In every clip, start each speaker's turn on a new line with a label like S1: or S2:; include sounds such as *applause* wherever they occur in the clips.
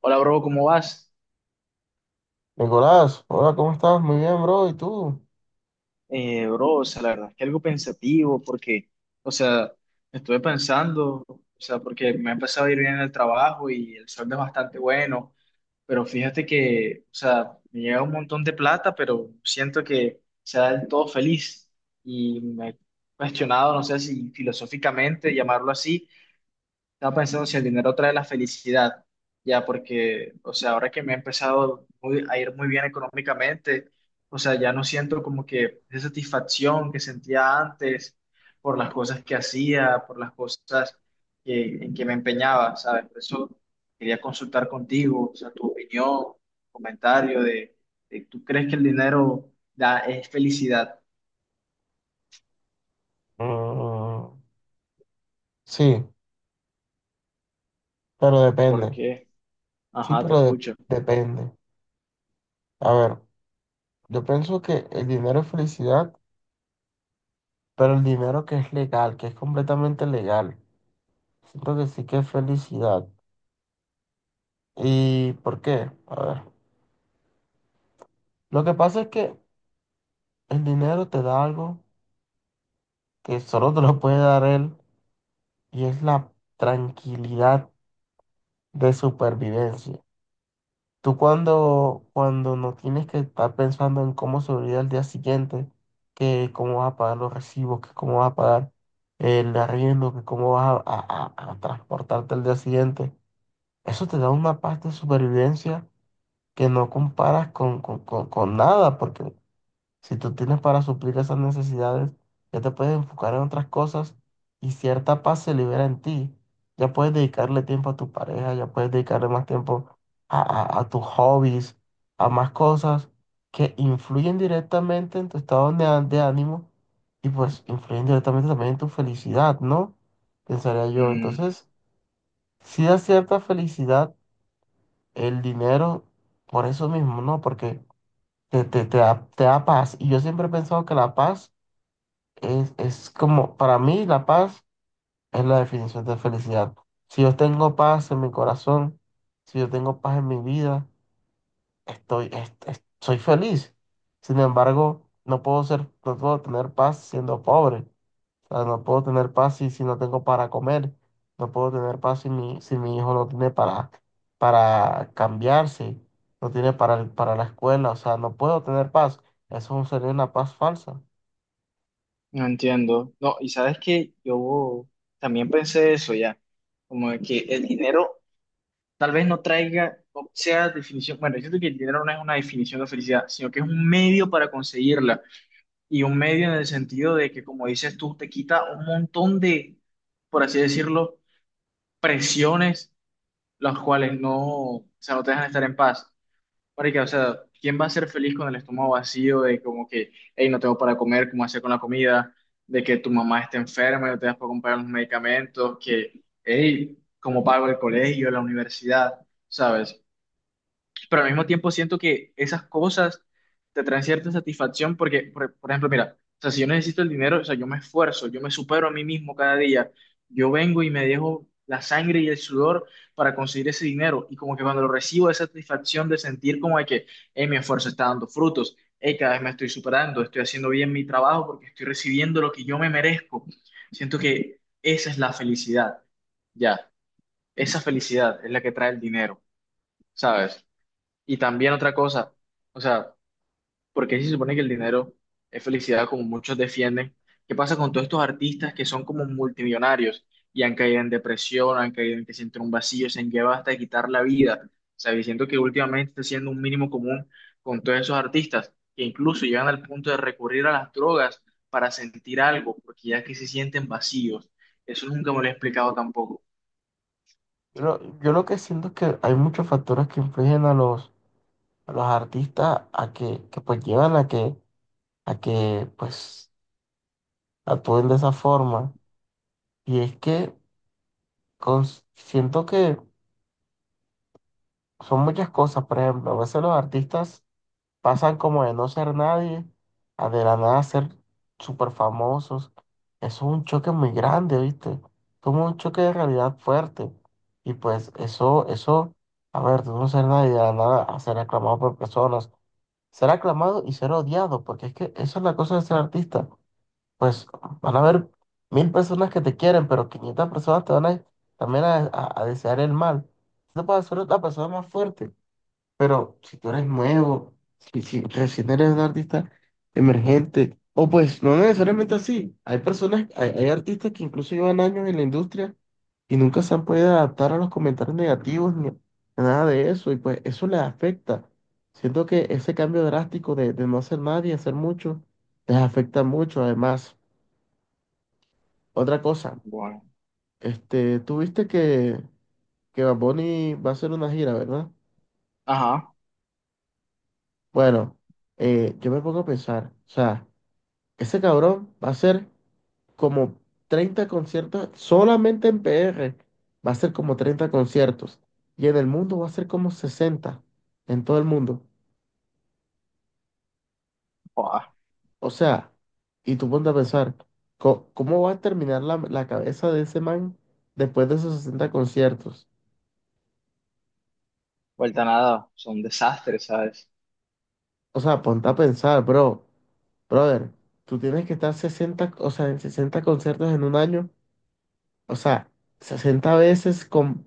S1: Hola, bro, ¿cómo vas?
S2: Nicolás, hola, ¿cómo estás? Muy bien, bro. ¿Y tú?
S1: Bro, o sea, la verdad es que algo pensativo porque, o sea, estuve pensando, o sea, porque me ha empezado a ir bien en el trabajo y el sueldo es bastante bueno, pero fíjate que, o sea, me llega un montón de plata, pero siento que sea del todo feliz y me he cuestionado, no sé si filosóficamente llamarlo así, estaba pensando si el dinero trae la felicidad, ya, porque, o sea, ahora que me ha empezado a ir muy bien económicamente, o sea, ya no siento como que esa satisfacción que sentía antes por las cosas que hacía, por las cosas en que me empeñaba, ¿sabes? Por eso quería consultar contigo, o sea, tu opinión, comentario de ¿tú crees que el dinero da, es felicidad?
S2: Mm, sí, pero
S1: ¿Por
S2: depende.
S1: qué?
S2: Sí,
S1: Ajá, te
S2: pero
S1: escucho.
S2: depende. A ver, yo pienso que el dinero es felicidad, pero el dinero que es legal, que es completamente legal. Siento que sí que es felicidad. ¿Y por qué? A ver, lo que pasa es que el dinero te da algo que solo te lo puede dar él y es la tranquilidad de supervivencia. Tú cuando no tienes que estar pensando en cómo sobrevivir al día siguiente, que cómo vas a pagar los recibos, que cómo vas a pagar el arriendo, que cómo vas a transportarte al día siguiente, eso te da una paz de supervivencia que no comparas con nada, porque si tú tienes para suplir esas necesidades, ya te puedes enfocar en otras cosas y cierta paz se libera en ti. Ya puedes dedicarle tiempo a tu pareja, ya puedes dedicarle más tiempo a tus hobbies, a más cosas que influyen directamente en tu estado de ánimo y pues influyen directamente también en tu felicidad, ¿no? Pensaría yo. Entonces, si da cierta felicidad el dinero por eso mismo, ¿no? Porque te da paz. Y yo siempre he pensado que la paz es como, para mí, la paz es la definición de felicidad. Si yo tengo paz en mi corazón, si yo tengo paz en mi vida, soy feliz. Sin embargo, no puedo ser, no puedo tener paz siendo pobre. O sea, no puedo tener paz si no tengo para comer. No puedo tener paz si mi hijo no tiene para cambiarse, no tiene para la escuela. O sea, no puedo tener paz. Eso sería una paz falsa.
S1: No entiendo. No, y sabes que yo también pensé eso ya, como de que el dinero tal vez no traiga, o sea, definición, bueno, yo siento que el dinero no es una definición de felicidad, sino que es un medio para conseguirla, y un medio en el sentido de que, como dices tú, te quita un montón de, por así decirlo, presiones, las cuales no, o sea, no te dejan estar en paz. Marica, o sea, ¿quién va a ser feliz con el estómago vacío de como que, hey, no tengo para comer, cómo hacer con la comida, de que tu mamá esté enferma y no te das para comprar los medicamentos, que, hey, cómo pago el colegio, la universidad, ¿sabes? Pero al mismo tiempo siento que esas cosas te traen cierta satisfacción porque, por ejemplo, mira, o sea, si yo necesito el dinero, o sea, yo me esfuerzo, yo me supero a mí mismo cada día, yo vengo y me dejo la sangre y el sudor para conseguir ese dinero y como que cuando lo recibo esa satisfacción de sentir como de que, hey, mi esfuerzo está dando frutos, hey, cada vez me estoy superando, estoy haciendo bien mi trabajo porque estoy recibiendo lo que yo me merezco. Siento que esa es la felicidad, ya, esa felicidad es la que trae el dinero, ¿sabes? Y también otra cosa, o sea, ¿porque si se supone que el dinero es felicidad como muchos defienden? ¿Qué pasa con todos estos artistas que son como multimillonarios y han caído en depresión, han caído en que sienten un vacío, se han llevado hasta de quitar la vida? O sea, diciendo que últimamente está siendo un mínimo común con todos esos artistas que incluso llegan al punto de recurrir a las drogas para sentir algo, porque ya que se sienten vacíos. Eso nunca me lo he explicado tampoco.
S2: Yo lo que siento es que hay muchos factores que influyen a los artistas a que pues llevan a que pues actúen de esa forma. Y es que siento que son muchas cosas. Por ejemplo, a veces los artistas pasan como de no ser nadie a de la nada ser súper famosos. Eso es un choque muy grande, ¿viste? Como un choque de realidad fuerte. Y pues eso, a ver, de no ser nadie a de la nada a ser aclamado por personas ser aclamado y ser odiado, porque es que esa es la cosa de ser artista. Pues van a haber 1.000 personas que te quieren, pero 500 personas te van a, también a desear el mal. Tú no puedes ser la persona más fuerte, pero si tú eres nuevo, si recién eres un artista emergente, o pues no necesariamente así. Hay personas, hay artistas que incluso llevan años en la industria y nunca se han podido adaptar a los comentarios negativos ni a nada de eso, y pues eso les afecta. Siento que ese cambio drástico de no hacer nada y hacer mucho, les afecta mucho. Además, otra cosa,
S1: Bueno.
S2: tú viste que Bad Bunny va a hacer una gira, ¿verdad?
S1: Ajá.
S2: Bueno, yo me pongo a pensar, o sea, ese cabrón va a hacer como 30 conciertos solamente en PR. Va a ser como 30 conciertos. Y en el mundo va a ser como 60 en todo el mundo.
S1: Joda,
S2: O sea, y tú ponte a pensar, ¿cómo va a terminar la cabeza de ese man después de esos 60 conciertos?
S1: vuelta a nada, son desastres, ¿sabes?
S2: O sea, ponte a pensar, bro. Brother, tú tienes que estar 60, o sea, en 60 conciertos en un año. O sea, 60 veces con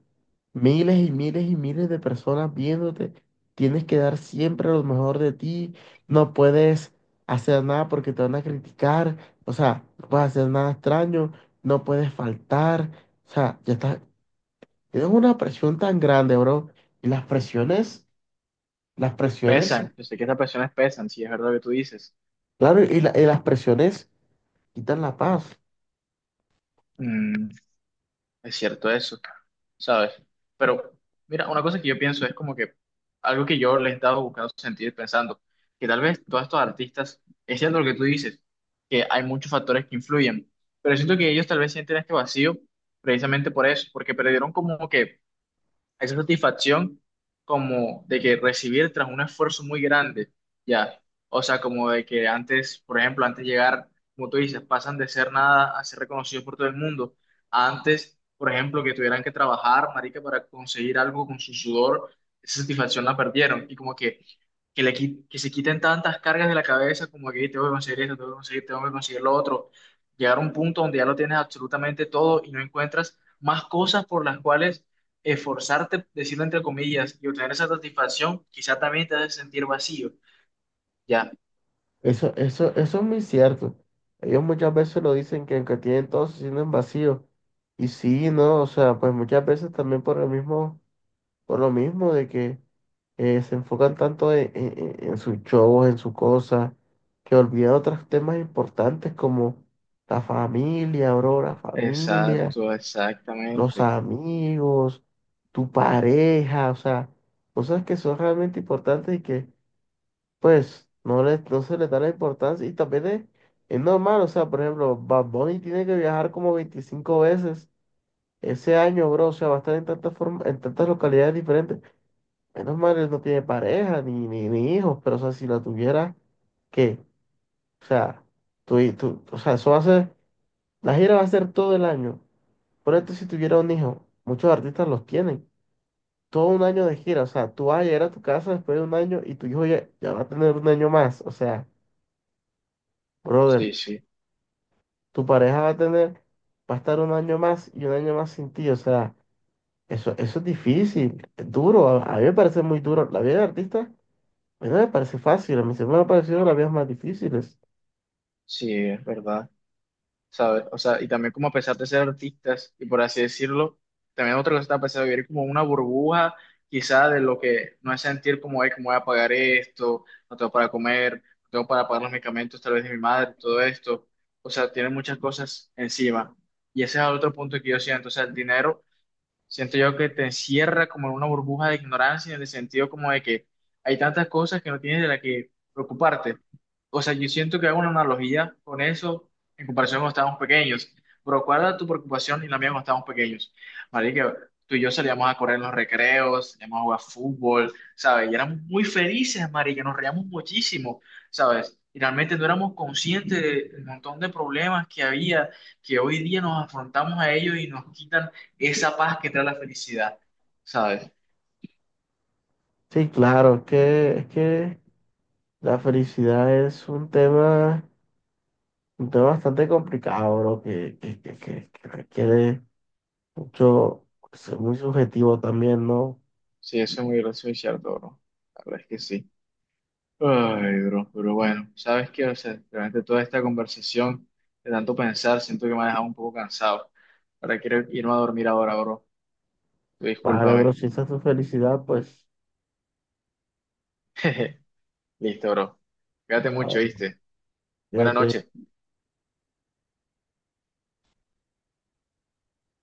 S2: miles y miles y miles de personas viéndote, tienes que dar siempre lo mejor de ti, no puedes hacer nada porque te van a criticar, o sea, no puedes hacer nada extraño, no puedes faltar, o sea, ya está, tienes una presión tan grande, bro, y las presiones,
S1: Pesan, yo sé que estas personas pesan, si es verdad lo que tú dices.
S2: claro, y las presiones quitan la paz.
S1: Mm, es cierto eso, ¿sabes? Pero mira, una cosa que yo pienso es como que algo que yo le he estado buscando sentir pensando, que tal vez todos estos artistas, es cierto lo que tú dices, que hay muchos factores que influyen, pero siento que ellos tal vez sienten este vacío precisamente por eso, porque perdieron como que esa satisfacción como de que recibir tras un esfuerzo muy grande, ya. O sea, como de que antes, por ejemplo, antes de llegar, como tú dices, pasan de ser nada a ser reconocidos por todo el mundo. Antes, por ejemplo, que tuvieran que trabajar, marica, para conseguir algo con su sudor, esa satisfacción la perdieron. Y como que, que se quiten tantas cargas de la cabeza, como que "Ey, tengo que conseguir esto, tengo que conseguir lo otro. Llegar a un punto donde ya lo tienes absolutamente todo y no encuentras más cosas por las cuales esforzarte, decirlo entre comillas, y obtener esa satisfacción, quizá también te hace sentir vacío. Ya,
S2: Eso es muy cierto. Ellos muchas veces lo dicen que aunque tienen todo, se sienten vacíos. Y sí, ¿no? O sea, pues muchas veces también por el mismo, por lo mismo de que se enfocan tanto en sus shows, en sus cosas, que olvidan otros temas importantes como la familia, bro, la familia,
S1: exacto,
S2: los
S1: exactamente.
S2: amigos, tu pareja, o sea, cosas que son realmente importantes pues no, le, no se le da la importancia y también es normal, o sea, por ejemplo, Bad Bunny tiene que viajar como 25 veces ese año, bro, o sea, va a estar en tantas localidades diferentes. Menos mal, él no tiene pareja ni hijos, pero o sea, si la tuviera, ¿qué? O sea, tú, o sea, eso va a ser, la gira va a ser todo el año. Por esto, si tuviera un hijo, muchos artistas los tienen, todo un año de gira, o sea, tú vas a llegar a tu casa después de un año y tu hijo ya, ya va a tener un año más, o sea,
S1: Sí,
S2: brother.
S1: sí,
S2: Tu pareja va a tener, va a estar un año más y un año más sin ti. O sea, eso es difícil, es duro. A mí me parece muy duro. La vida del artista, a mí no me parece fácil. A mí siempre me ha parecido las vidas más difíciles.
S1: sí, es verdad. ¿Sabes? O sea, y también como a pesar de ser artistas, y por así decirlo, también otra cosa está a pesar de vivir como una burbuja, quizá de lo que no es sentir como, ay, cómo voy a pagar esto, no tengo para comer, no tengo para pagar los medicamentos tal vez de mi madre, todo esto. O sea, tiene muchas cosas encima. Y ese es el otro punto que yo siento. O sea, el dinero siento yo que te encierra como en una burbuja de ignorancia, en el sentido como de que hay tantas cosas que no tienes de las que preocuparte. O sea, yo siento que hago una analogía con eso en comparación cuando estábamos pequeños. Pero ¿cuál era tu preocupación y la mía cuando estábamos pequeños? Marica, tú y yo salíamos a correr en los recreos, salíamos a jugar fútbol, ¿sabes? Y éramos muy felices, marica, nos reíamos muchísimo, ¿sabes? Y realmente no éramos conscientes del montón de problemas que había, que hoy día nos afrontamos a ellos y nos quitan esa paz que trae la felicidad, ¿sabes?
S2: Sí, claro, es que la felicidad es un tema bastante complicado, bro, que requiere mucho, pues, ser muy subjetivo también, ¿no?
S1: Sí, eso es muy gracioso y cierto, bro. La verdad es que sí. Ay, bro, pero bueno, ¿sabes qué? O sea, realmente toda esta conversación de tanto pensar, siento que me ha dejado un poco cansado. Ahora quiero irme a dormir ahora, bro.
S2: Vale, bro,
S1: Discúlpame.
S2: si esa es tu felicidad, pues,
S1: *laughs* Listo, bro. Cuídate
S2: a
S1: mucho,
S2: ver,
S1: ¿viste? Buenas noches.
S2: fíjate.